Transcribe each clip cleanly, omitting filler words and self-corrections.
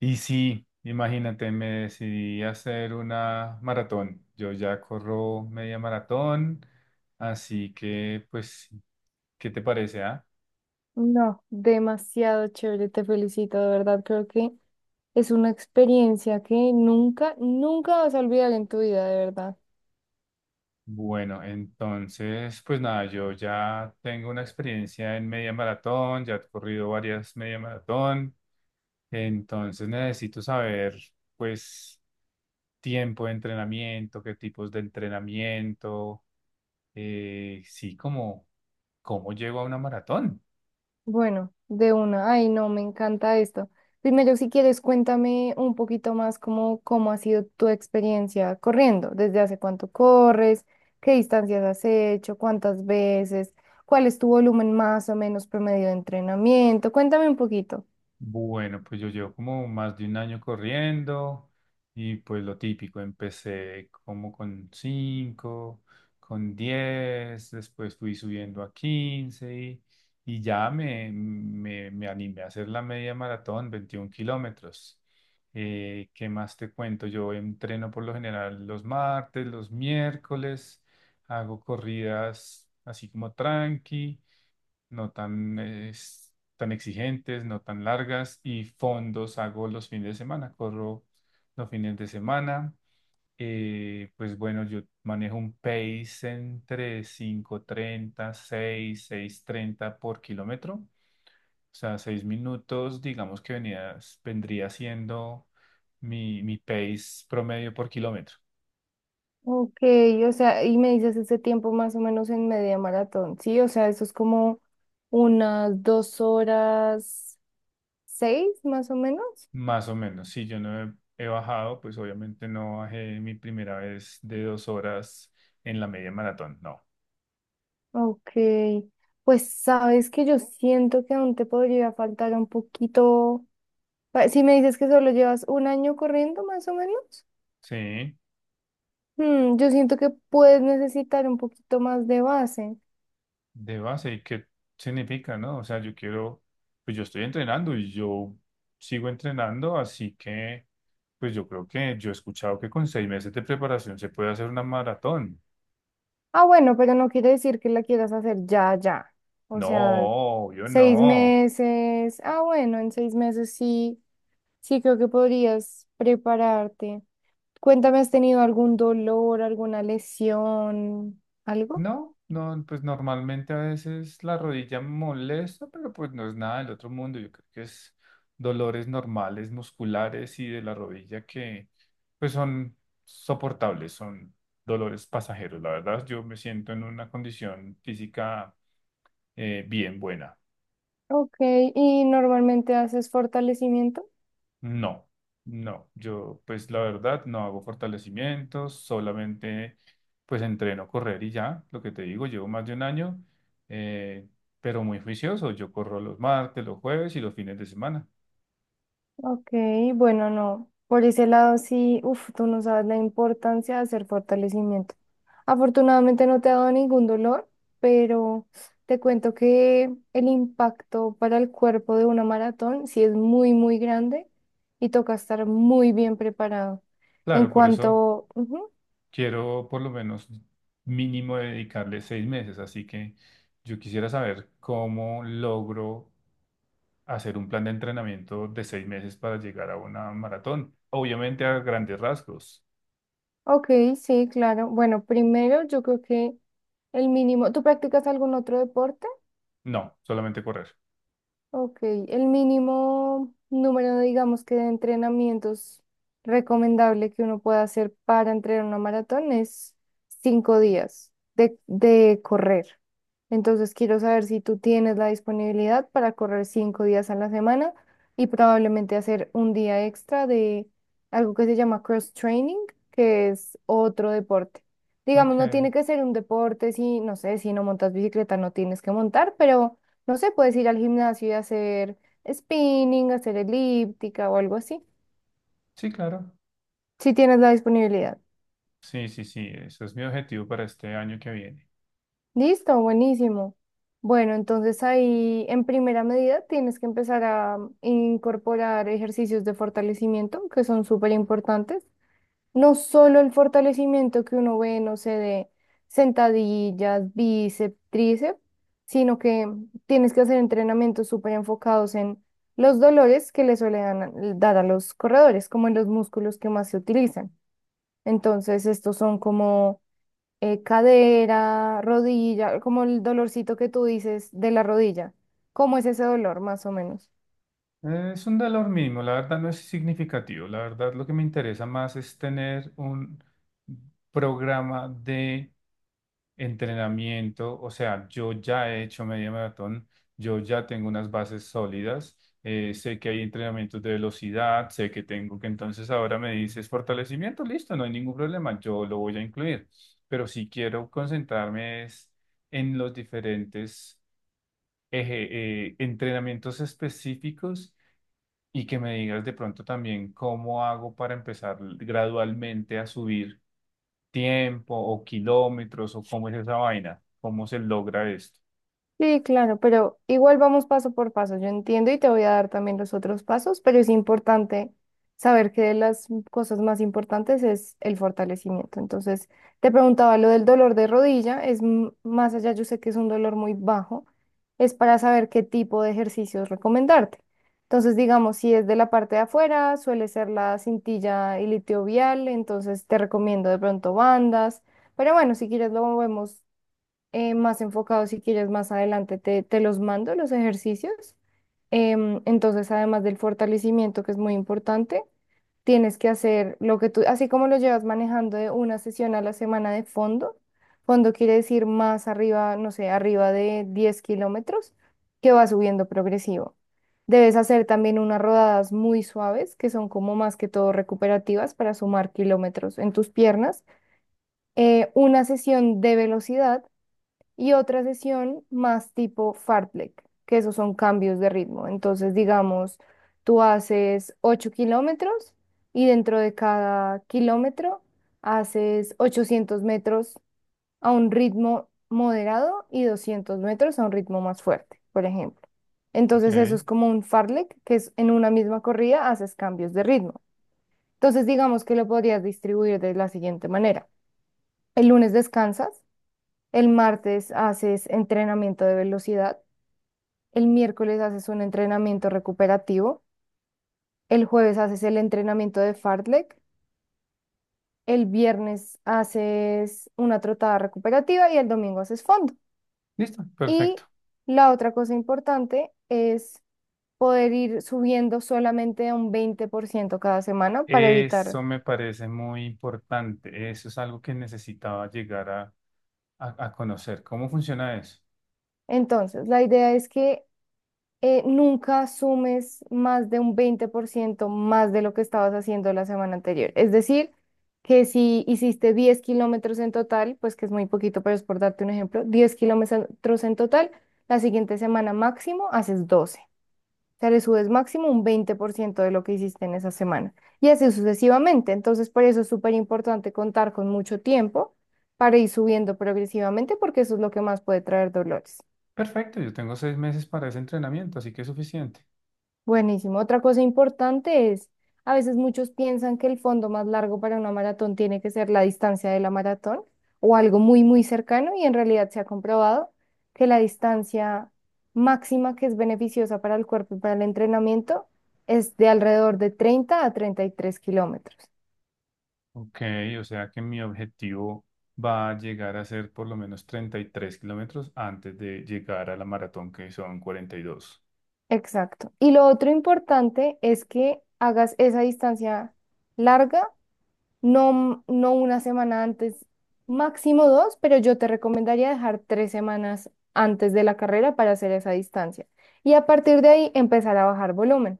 Y sí, imagínate, me decidí a hacer una maratón. Yo ya corro media maratón, así que, pues, ¿qué te parece, ah? No, demasiado chévere, te felicito, de verdad, creo que es una experiencia que nunca, nunca vas a olvidar en tu vida, de verdad. Bueno, entonces, pues nada, yo ya tengo una experiencia en media maratón, ya he corrido varias media maratón, entonces necesito saber, pues, tiempo de entrenamiento, qué tipos de entrenamiento, sí, cómo llego a una maratón. Bueno, de una, ay, no, me encanta esto. Primero, si quieres, cuéntame un poquito más cómo ha sido tu experiencia corriendo, desde hace cuánto corres, qué distancias has hecho, cuántas veces, cuál es tu volumen más o menos promedio de entrenamiento, cuéntame un poquito. Bueno, pues yo llevo como más de un año corriendo y pues lo típico, empecé como con 5, con 10, después fui subiendo a 15 y ya me animé a hacer la media maratón, 21 kilómetros. ¿Qué más te cuento? Yo entreno por lo general los martes, los miércoles, hago corridas así como tranqui no tan exigentes, no tan largas y fondos hago los fines de semana, corro los fines de semana. Pues bueno, yo manejo un pace entre 5:30 seis treinta por kilómetro. O sea, 6 minutos, digamos que vendría siendo mi pace promedio por kilómetro. Ok, o sea, y me dices ese tiempo más o menos en media maratón, ¿sí? O sea, eso es como unas 2 horas 6 más o menos. Más o menos, sí, yo no he bajado, pues obviamente no bajé mi primera vez de 2 horas en la media maratón, no. Ok, pues sabes que yo siento que aún te podría faltar un poquito. Si me dices que solo llevas un año corriendo más o menos, Sí, yo siento que puedes necesitar un poquito más de base. de base, ¿y qué significa, no? O sea, yo quiero, pues yo estoy entrenando y yo sigo entrenando, así que, pues yo creo que yo he escuchado que con 6 meses de preparación se puede hacer una maratón. Ah, bueno, pero no quiere decir que la quieras hacer ya, ya. O sea, No, yo seis no. meses. Ah, bueno, en 6 meses sí, sí creo que podrías prepararte. Cuéntame, ¿has tenido algún dolor, alguna lesión, algo? No, no, pues normalmente a veces la rodilla molesta, pero pues no es nada del otro mundo. Yo creo que es dolores normales, musculares y de la rodilla que pues son soportables, son dolores pasajeros. La verdad, yo me siento en una condición física bien buena. Ok, ¿y normalmente haces fortalecimiento? No, no, yo pues la verdad no hago fortalecimientos, solamente pues entreno correr y ya, lo que te digo, llevo más de un año, eh, pero muy juicioso, yo corro los martes, los jueves y los fines de semana. Ok, bueno, no. Por ese lado sí, uff, tú no sabes la importancia de hacer fortalecimiento. Afortunadamente no te ha dado ningún dolor, pero te cuento que el impacto para el cuerpo de una maratón sí es muy, muy grande y toca estar muy bien preparado. Claro, por eso Ujú. quiero por lo menos mínimo dedicarle 6 meses, así que yo quisiera saber cómo logro hacer un plan de entrenamiento de 6 meses para llegar a una maratón, obviamente a grandes rasgos. Ok, sí, claro. Bueno, primero yo creo que el mínimo... ¿Tú practicas algún otro deporte? No, solamente correr. Ok, el mínimo número, digamos que de entrenamientos recomendable que uno pueda hacer para entrenar una maratón es 5 días de correr. Entonces quiero saber si tú tienes la disponibilidad para correr 5 días a la semana y probablemente hacer un día extra de algo que se llama cross training, que es otro deporte. Digamos, no Ok. tiene que ser un deporte si, no sé, si no montas bicicleta, no tienes que montar, pero no sé, puedes ir al gimnasio y hacer spinning, hacer elíptica o algo así, Sí, claro. si tienes la disponibilidad. Sí, sí, sí, eso es mi objetivo para este año que viene. Listo, buenísimo. Bueno, entonces ahí en primera medida tienes que empezar a incorporar ejercicios de fortalecimiento que son súper importantes. No solo el fortalecimiento que uno ve, no sé, de sentadillas, bíceps, tríceps, sino que tienes que hacer entrenamientos súper enfocados en los dolores que le suelen dar a los corredores, como en los músculos que más se utilizan. Entonces, estos son como cadera, rodilla, como el dolorcito que tú dices de la rodilla. ¿Cómo es ese dolor, más o menos? Es un valor mínimo, la verdad no es significativo. La verdad lo que me interesa más es tener un programa de entrenamiento. O sea, yo ya he hecho media maratón, yo ya tengo unas bases sólidas, sé que hay entrenamientos de velocidad, sé que tengo que entonces ahora me dices fortalecimiento, listo, no hay ningún problema, yo lo voy a incluir. Pero si quiero concentrarme es en los diferentes eje- entrenamientos específicos y que me digas de pronto también cómo hago para empezar gradualmente a subir tiempo o kilómetros o cómo es esa vaina, cómo se logra esto. Sí, claro, pero igual vamos paso por paso. Yo entiendo y te voy a dar también los otros pasos, pero es importante saber que de las cosas más importantes es el fortalecimiento. Entonces, te preguntaba lo del dolor de rodilla, es más allá, yo sé que es un dolor muy bajo, es para saber qué tipo de ejercicios recomendarte. Entonces, digamos, si es de la parte de afuera, suele ser la cintilla iliotibial, entonces te recomiendo de pronto bandas, pero bueno, si quieres lo vemos más enfocados, si quieres más adelante te los mando, los ejercicios. Entonces, además del fortalecimiento, que es muy importante, tienes que hacer lo que tú, así como lo llevas manejando de una sesión a la semana de fondo, fondo quiere decir más arriba, no sé, arriba de 10 kilómetros, que va subiendo progresivo. Debes hacer también unas rodadas muy suaves, que son como más que todo recuperativas para sumar kilómetros en tus piernas. Una sesión de velocidad y otra sesión más tipo fartlek, que esos son cambios de ritmo. Entonces, digamos, tú haces 8 kilómetros y dentro de cada kilómetro haces 800 metros a un ritmo moderado y 200 metros a un ritmo más fuerte, por ejemplo. Ok, Entonces, eso es como un fartlek, que es en una misma corrida haces cambios de ritmo. Entonces, digamos que lo podrías distribuir de la siguiente manera. El lunes descansas. El martes haces entrenamiento de velocidad, el miércoles haces un entrenamiento recuperativo, el jueves haces el entrenamiento de fartlek, el viernes haces una trotada recuperativa y el domingo haces fondo. listo, Y perfecto. la otra cosa importante es poder ir subiendo solamente un 20% cada semana para evitar. Eso me parece muy importante. Eso es algo que necesitaba llegar a conocer. ¿Cómo funciona eso? Entonces, la idea es que nunca sumes más de un 20% más de lo que estabas haciendo la semana anterior. Es decir, que si hiciste 10 kilómetros en total, pues que es muy poquito, pero es por darte un ejemplo, 10 kilómetros en total, la siguiente semana máximo haces 12. O sea, le subes máximo un 20% de lo que hiciste en esa semana. Y así sucesivamente. Entonces, por eso es súper importante contar con mucho tiempo para ir subiendo progresivamente, porque eso es lo que más puede traer dolores. Perfecto, yo tengo 6 meses para ese entrenamiento, así que es suficiente. Buenísimo. Otra cosa importante es, a veces muchos piensan que el fondo más largo para una maratón tiene que ser la distancia de la maratón o algo muy, muy cercano y en realidad se ha comprobado que la distancia máxima que es beneficiosa para el cuerpo y para el entrenamiento es de alrededor de 30 a 33 kilómetros. Ok, o sea que mi objetivo va a llegar a ser por lo menos 33 kilómetros antes de llegar a la maratón, que son 42. Exacto. Y lo otro importante es que hagas esa distancia larga. No, no una semana antes, máximo dos, pero yo te recomendaría dejar 3 semanas antes de la carrera para hacer esa distancia. Y a partir de ahí empezar a bajar volumen.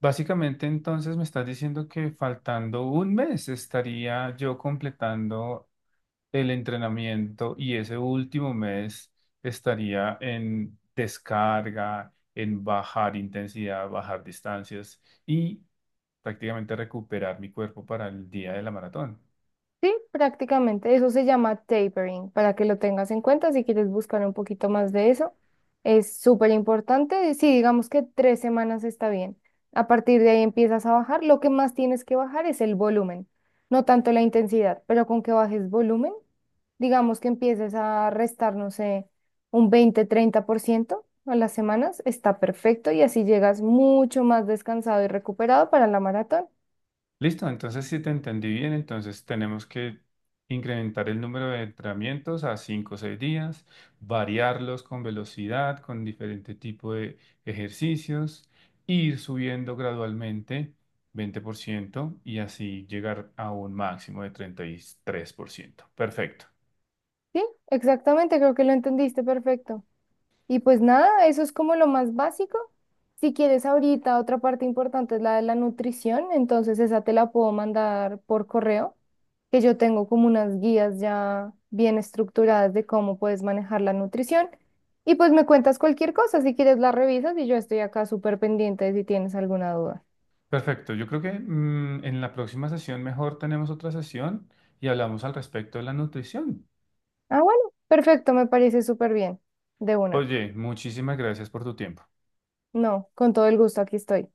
Básicamente, entonces me estás diciendo que faltando un mes estaría yo completando el entrenamiento y ese último mes estaría en descarga, en bajar intensidad, bajar distancias y prácticamente recuperar mi cuerpo para el día de la maratón. Sí, prácticamente. Eso se llama tapering, para que lo tengas en cuenta si quieres buscar un poquito más de eso. Es súper importante. Sí, digamos que 3 semanas está bien. A partir de ahí empiezas a bajar. Lo que más tienes que bajar es el volumen, no tanto la intensidad, pero con que bajes volumen, digamos que empieces a restar, no sé, un 20, 30% a las semanas, está perfecto y así llegas mucho más descansado y recuperado para la maratón. Listo, entonces si te entendí bien, entonces tenemos que incrementar el número de entrenamientos a 5 o 6 días, variarlos con velocidad, con diferente tipo de ejercicios, ir subiendo gradualmente 20% y así llegar a un máximo de 33%. Perfecto, Sí, exactamente, creo que lo entendiste perfecto. Y pues nada, eso es como lo más básico. Si quieres ahorita, otra parte importante es la de la nutrición, entonces esa te la puedo mandar por correo, que yo tengo como unas guías ya bien estructuradas de cómo puedes manejar la nutrición. Y pues me cuentas cualquier cosa, si quieres la revisas y yo estoy acá súper pendiente de si tienes alguna duda. perfecto. Yo creo que en la próxima sesión mejor tenemos otra sesión y hablamos al respecto de la nutrición. Ah, bueno, perfecto, me parece súper bien. De una. Oye, muchísimas gracias por tu tiempo. No, con todo el gusto, aquí estoy.